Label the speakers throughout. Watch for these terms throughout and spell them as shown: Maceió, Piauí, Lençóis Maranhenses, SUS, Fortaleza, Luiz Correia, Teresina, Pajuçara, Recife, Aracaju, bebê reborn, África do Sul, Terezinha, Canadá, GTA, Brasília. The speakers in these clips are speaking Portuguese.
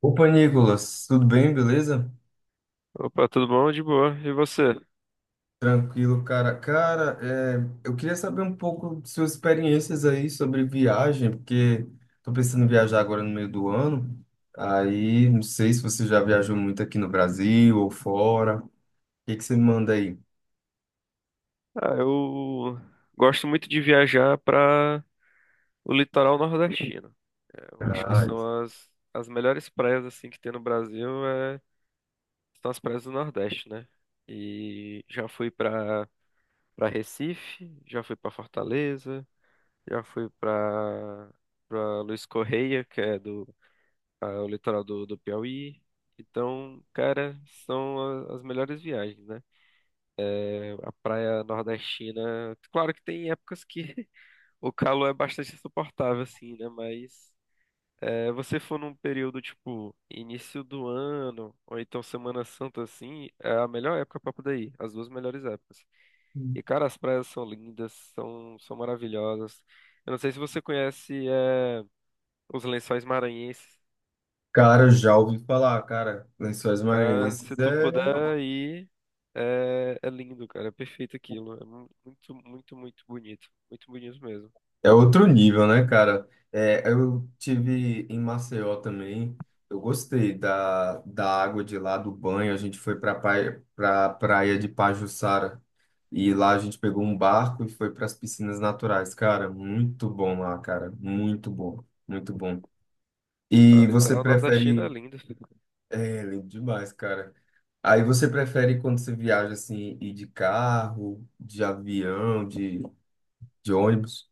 Speaker 1: Opa, Nicolas, tudo bem, beleza?
Speaker 2: Opa, tudo bom? De boa. E você?
Speaker 1: Tranquilo, cara. Cara, eu queria saber um pouco de suas experiências aí sobre viagem, porque tô pensando em viajar agora no meio do ano. Aí, não sei se você já viajou muito aqui no Brasil ou fora. O que que você me manda aí?
Speaker 2: Eu gosto muito de viajar para o litoral nordestino. Eu acho que
Speaker 1: Ah,
Speaker 2: são as melhores praias assim que tem no Brasil, são as praias do Nordeste, né? E já fui para para Recife, já fui para Fortaleza, já fui para para Luiz Correia, que é do o litoral do Piauí. Então, cara, são as melhores viagens, né? A praia nordestina, claro que tem épocas que o calor é bastante insuportável, assim, né? Mas é, você for num período tipo início do ano, ou então Semana Santa, assim, é a melhor época pra poder ir, as duas melhores épocas. E, cara, as praias são lindas, são maravilhosas. Eu não sei se você conhece os Lençóis Maranhenses.
Speaker 1: cara, já ouvi falar, cara. Lençóis
Speaker 2: Né? Se
Speaker 1: Maranhenses
Speaker 2: tu
Speaker 1: é
Speaker 2: puder ir, é lindo, cara. É perfeito aquilo. É muito bonito. Muito bonito mesmo.
Speaker 1: é outro nível, né, cara? É, eu tive em Maceió também. Eu gostei da água de lá, do banho. A gente foi para praia, pra praia de Pajuçara. E lá a gente pegou um barco e foi para as piscinas naturais. Cara, muito bom lá, cara. Muito bom, muito bom.
Speaker 2: A
Speaker 1: E você
Speaker 2: litoral norte da China é
Speaker 1: prefere.
Speaker 2: linda.
Speaker 1: É, lindo demais, cara. Aí você prefere quando você viaja assim, ir de carro, de avião, de ônibus?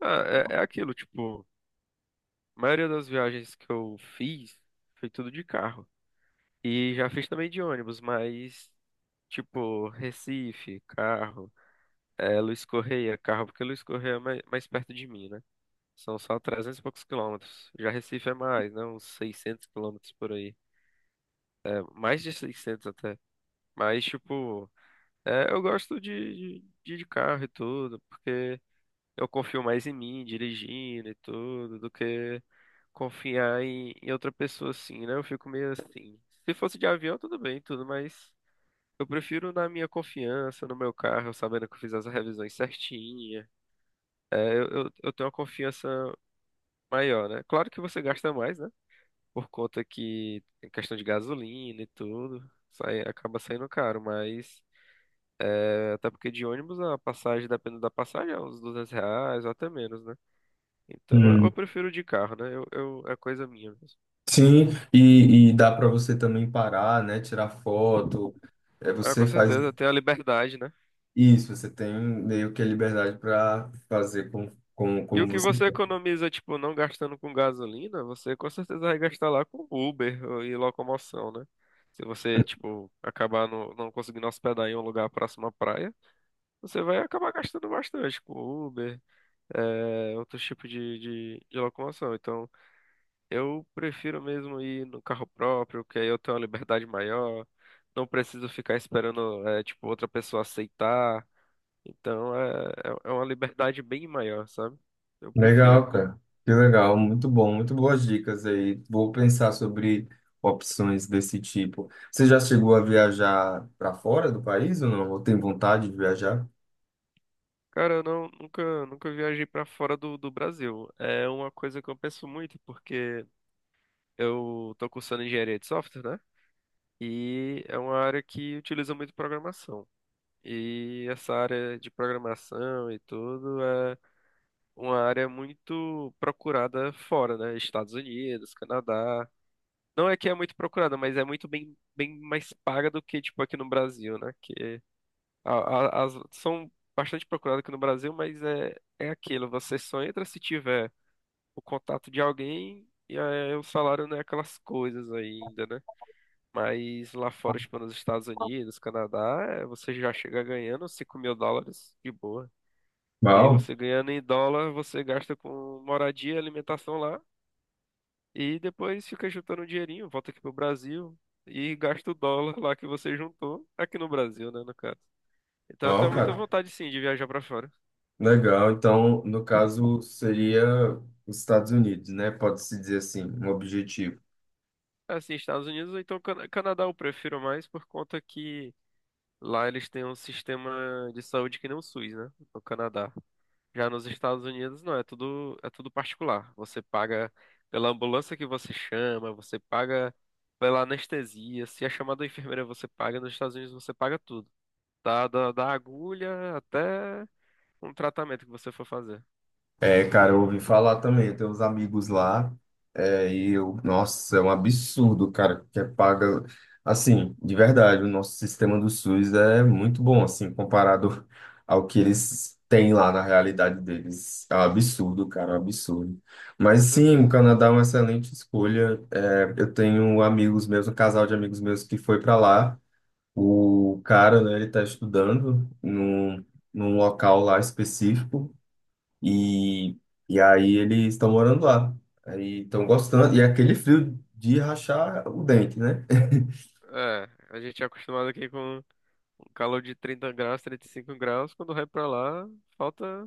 Speaker 2: Ah, é aquilo, tipo, a maioria das viagens que eu fiz foi tudo de carro. E já fiz também de ônibus, mas, tipo, Recife, carro, Luiz Correia, carro, porque Luiz Correia é mais, mais perto de mim, né? São só 300 e poucos km. Já Recife é mais, né? Uns 600 km por aí. É, mais de 600 até. Mas, tipo, é, eu gosto de carro e tudo, porque. Eu confio mais em mim, dirigindo e tudo, do que confiar em outra pessoa assim, né? Eu fico meio assim. Se fosse de avião, tudo bem, tudo, mas eu prefiro na minha confiança, no meu carro, sabendo que eu fiz as revisões certinha. Eu tenho uma confiança maior, né? Claro que você gasta mais, né? Por conta que tem questão de gasolina e tudo, sai, acaba saindo caro, mas é, até porque de ônibus a passagem, dependendo da passagem, é uns R$ 200 ou até menos, né? Então eu prefiro de carro, né? É coisa minha mesmo.
Speaker 1: Sim, e dá para você também parar, né? Tirar foto. É,
Speaker 2: Ah,
Speaker 1: você
Speaker 2: com
Speaker 1: faz
Speaker 2: certeza, tem a liberdade, né?
Speaker 1: isso, você tem meio que a liberdade para fazer com,
Speaker 2: E
Speaker 1: como
Speaker 2: o que
Speaker 1: você
Speaker 2: você
Speaker 1: quer.
Speaker 2: economiza, tipo, não gastando com gasolina, você com certeza vai gastar lá com Uber ou- e locomoção, né? Se você, tipo, acabar no, não conseguindo hospedar em um lugar próximo à praia, você vai acabar gastando bastante com Uber, é, outros tipos de locomoção. Então. Eu prefiro mesmo ir no carro próprio, que aí eu tenho uma liberdade maior, não preciso ficar esperando, é, tipo, outra pessoa aceitar. Então é, é uma liberdade bem maior, sabe? Eu prefiro.
Speaker 1: Legal, cara. Que legal, muito bom, muito boas dicas aí. Vou pensar sobre opções desse tipo. Você já chegou a viajar para fora do país ou não? Ou tem vontade de viajar?
Speaker 2: Cara, eu não, nunca viajei pra fora do Brasil. É uma coisa que eu penso muito, porque eu tô cursando engenharia de software, né? E é uma área que utiliza muito programação. E essa área de programação e tudo é uma área muito procurada fora, né? Estados Unidos, Canadá. Não é que é muito procurada, mas é muito bem, bem mais paga do que, tipo, aqui no Brasil, né? Que as são bastante procuradas aqui no Brasil, mas é, é aquilo. Você só entra se tiver o contato de alguém e aí o salário não é aquelas coisas ainda, né? Mas lá fora, tipo, nos Estados Unidos, Canadá, é, você já chega ganhando US$ 5.000 de boa. E aí
Speaker 1: Uau,
Speaker 2: você ganhando em dólar, você gasta com moradia, alimentação lá, e depois fica juntando um dinheirinho, volta aqui pro Brasil e gasta o dólar lá que você juntou, aqui no Brasil, né, no caso. Então eu
Speaker 1: uau,
Speaker 2: tenho muita
Speaker 1: cara.
Speaker 2: vontade sim de viajar pra fora.
Speaker 1: Legal. Então, no caso, seria os Estados Unidos, né? Pode-se dizer assim, um objetivo.
Speaker 2: Assim, Estados Unidos ou então Canadá eu prefiro mais por conta que lá eles têm um sistema de saúde que nem o SUS, né, no Canadá. Já nos Estados Unidos, não, é tudo particular. Você paga pela ambulância que você chama, você paga pela anestesia. Se é chamada da enfermeira, você paga. Nos Estados Unidos, você paga tudo. Da agulha até um tratamento que você for fazer.
Speaker 1: É, cara, eu ouvi falar também, eu tenho uns amigos lá, é, nossa, é um absurdo, cara, que é paga, assim, de verdade, o nosso sistema do SUS é muito bom, assim, comparado ao que eles têm lá na realidade deles, é um absurdo, cara, é um absurdo, mas
Speaker 2: Com
Speaker 1: sim, o
Speaker 2: certeza.
Speaker 1: Canadá é uma excelente escolha, é, eu tenho amigos meus, um casal de amigos meus que foi para lá, o cara, né, ele tá estudando num local lá específico, e, e aí eles estão morando lá. Aí estão gostando. E é aquele frio de rachar o dente, né?
Speaker 2: É, a gente é acostumado aqui com um calor de 30 graus, 35 graus. Quando vai pra lá, falta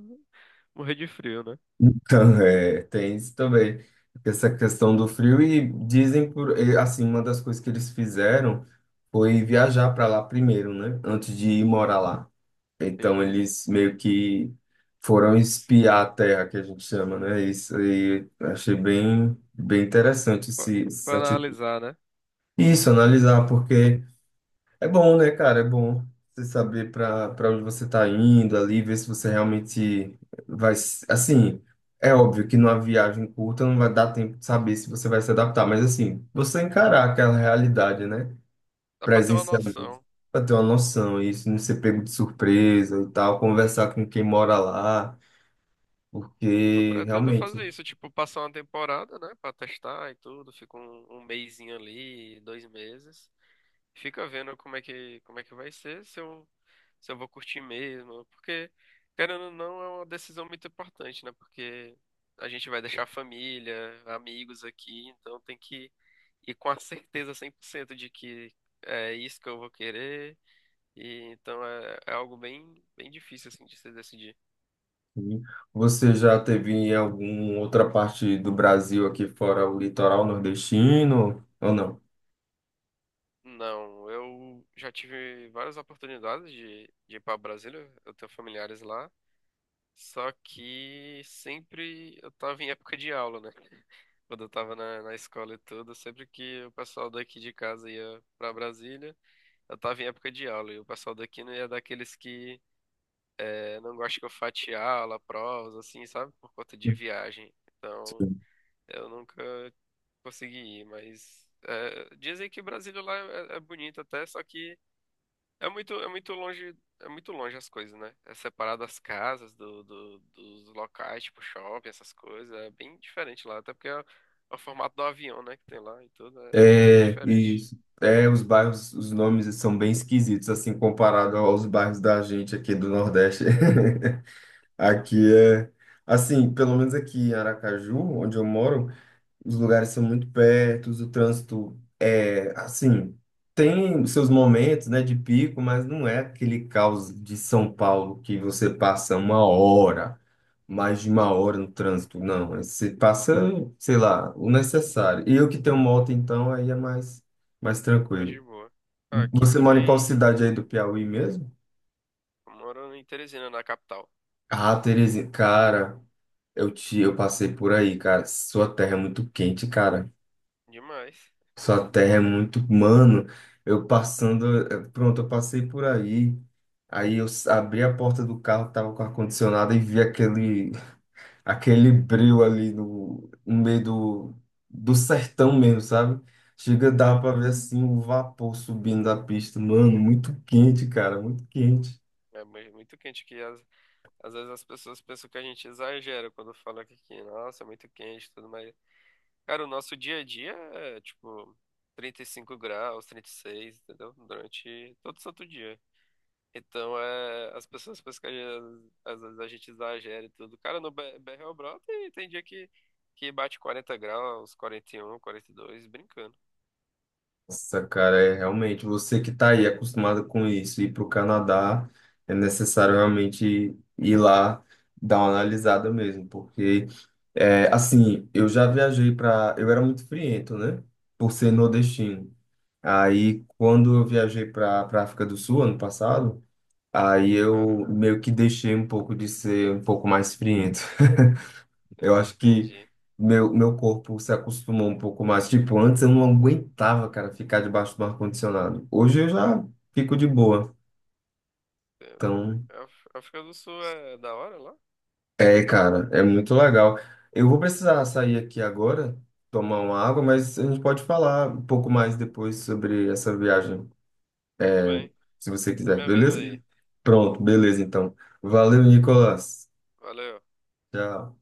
Speaker 2: morrer de frio, né?
Speaker 1: Então, é, tem isso também. Essa questão do frio. E dizem, por, e, assim, uma das coisas que eles fizeram foi viajar para lá primeiro, né? Antes de ir morar lá.
Speaker 2: Sim.
Speaker 1: Então, eles meio que foram espiar a terra, que a gente chama, né? Isso aí achei bem, bem interessante
Speaker 2: Pra,
Speaker 1: essa
Speaker 2: pra
Speaker 1: atitude.
Speaker 2: analisar, né?
Speaker 1: Isso, analisar, porque. É bom, né, cara? É bom você saber para onde você está indo ali, ver se você realmente vai. Assim, é óbvio que numa viagem curta não vai dar tempo de saber se você vai se adaptar, mas assim, você encarar aquela realidade, né,
Speaker 2: Dá pra ter uma
Speaker 1: presencialmente,
Speaker 2: noção.
Speaker 1: para ter uma noção, e isso não ser pego de surpresa e tal, conversar com quem mora lá,
Speaker 2: Eu
Speaker 1: porque
Speaker 2: pretendo
Speaker 1: realmente.
Speaker 2: fazer isso, tipo, passar uma temporada, né, pra testar e tudo, fica um mesinho ali, 2 meses, fica vendo como é que vai ser, se eu vou curtir mesmo, porque, querendo ou não, é uma decisão muito importante, né, porque a gente vai deixar a família, amigos aqui, então tem que ir com a certeza 100% de que é isso que eu vou querer, e então é, é algo bem, bem difícil, assim, de se decidir.
Speaker 1: Assim, você já teve em alguma outra parte do Brasil aqui fora o litoral nordestino ou não?
Speaker 2: Não, eu já tive várias oportunidades de ir para Brasília, eu tenho familiares lá, só que sempre eu tava em época de aula, né? Quando eu tava na escola e tudo, sempre que o pessoal daqui de casa ia para Brasília, eu tava em época de aula, e o pessoal daqui não ia daqueles que não gosta que eu fatie aula, provas, assim, sabe? Por conta de viagem. Então, eu nunca consegui ir, mas dizem que Brasília lá é, é bonito até, só que. É muito longe as coisas, né? É separado as casas dos locais, tipo shopping, essas coisas. É bem diferente lá, até porque é, o formato do avião, né, que tem lá e tudo, é, é bem
Speaker 1: É,
Speaker 2: diferente.
Speaker 1: os bairros, os nomes são bem esquisitos, assim, comparado aos bairros da gente aqui do Nordeste.
Speaker 2: Então,
Speaker 1: Aqui é, assim, pelo menos aqui em Aracaju, onde eu moro, os lugares são muito perto, o trânsito é assim, tem os seus momentos, né, de pico, mas não é aquele caos de São Paulo que você passa uma hora, mais de uma hora no trânsito, não. É, você passa, sei lá, o necessário. E eu que tenho moto, então, aí é mais, mais
Speaker 2: é mais
Speaker 1: tranquilo.
Speaker 2: de boa. Ah, aqui
Speaker 1: Você mora em qual
Speaker 2: também,
Speaker 1: cidade aí do Piauí mesmo?
Speaker 2: eu moro em Teresina, na capital.
Speaker 1: Ah, Terezinha, cara, eu passei por aí, cara. Sua terra é muito quente, cara.
Speaker 2: Demais.
Speaker 1: Sua terra é muito. Mano, Pronto, eu passei por aí. Aí abri a porta do carro, tava com ar-condicionado e vi aquele, aquele breu ali no meio do sertão mesmo, sabe? Chega, dava pra
Speaker 2: Uhum.
Speaker 1: ver assim o vapor subindo da pista. Mano, muito quente, cara, muito quente.
Speaker 2: É muito quente aqui. Às vezes as pessoas pensam que a gente exagera quando fala que aqui, nossa, é muito quente e tudo, mas cara, o nosso dia a dia é tipo 35 graus, 36, entendeu? Durante todo santo dia. Então, é, as pessoas pensam que às vezes a gente exagera e tudo. Cara, no BR o Brau tem, tem dia que bate 40 graus, 41, 42, brincando.
Speaker 1: Nossa, cara, é realmente você que está aí acostumado com isso, ir para o Canadá é necessário realmente ir lá dar uma analisada mesmo, porque é, assim, eu já viajei para, eu era muito friento, né, por ser nordestino. Aí quando eu viajei para África do Sul ano passado, aí eu
Speaker 2: Caramba,
Speaker 1: meio que deixei um pouco de ser um pouco mais friento. Eu acho que
Speaker 2: entendi,
Speaker 1: meu corpo se acostumou um pouco mais. Tipo, antes eu não aguentava, cara, ficar debaixo do ar-condicionado. Hoje eu já fico de boa.
Speaker 2: entendo.
Speaker 1: Então,
Speaker 2: A África do Sul é da hora lá?
Speaker 1: é, cara, é muito legal. Eu vou precisar sair aqui agora, tomar uma água, mas a gente pode falar um pouco mais depois sobre essa viagem,
Speaker 2: Tudo
Speaker 1: é,
Speaker 2: bem,
Speaker 1: se você
Speaker 2: você
Speaker 1: quiser,
Speaker 2: me avisa
Speaker 1: beleza?
Speaker 2: aí.
Speaker 1: Beleza. Pronto, beleza, então. Valeu, Nicolas.
Speaker 2: Valeu.
Speaker 1: Tchau.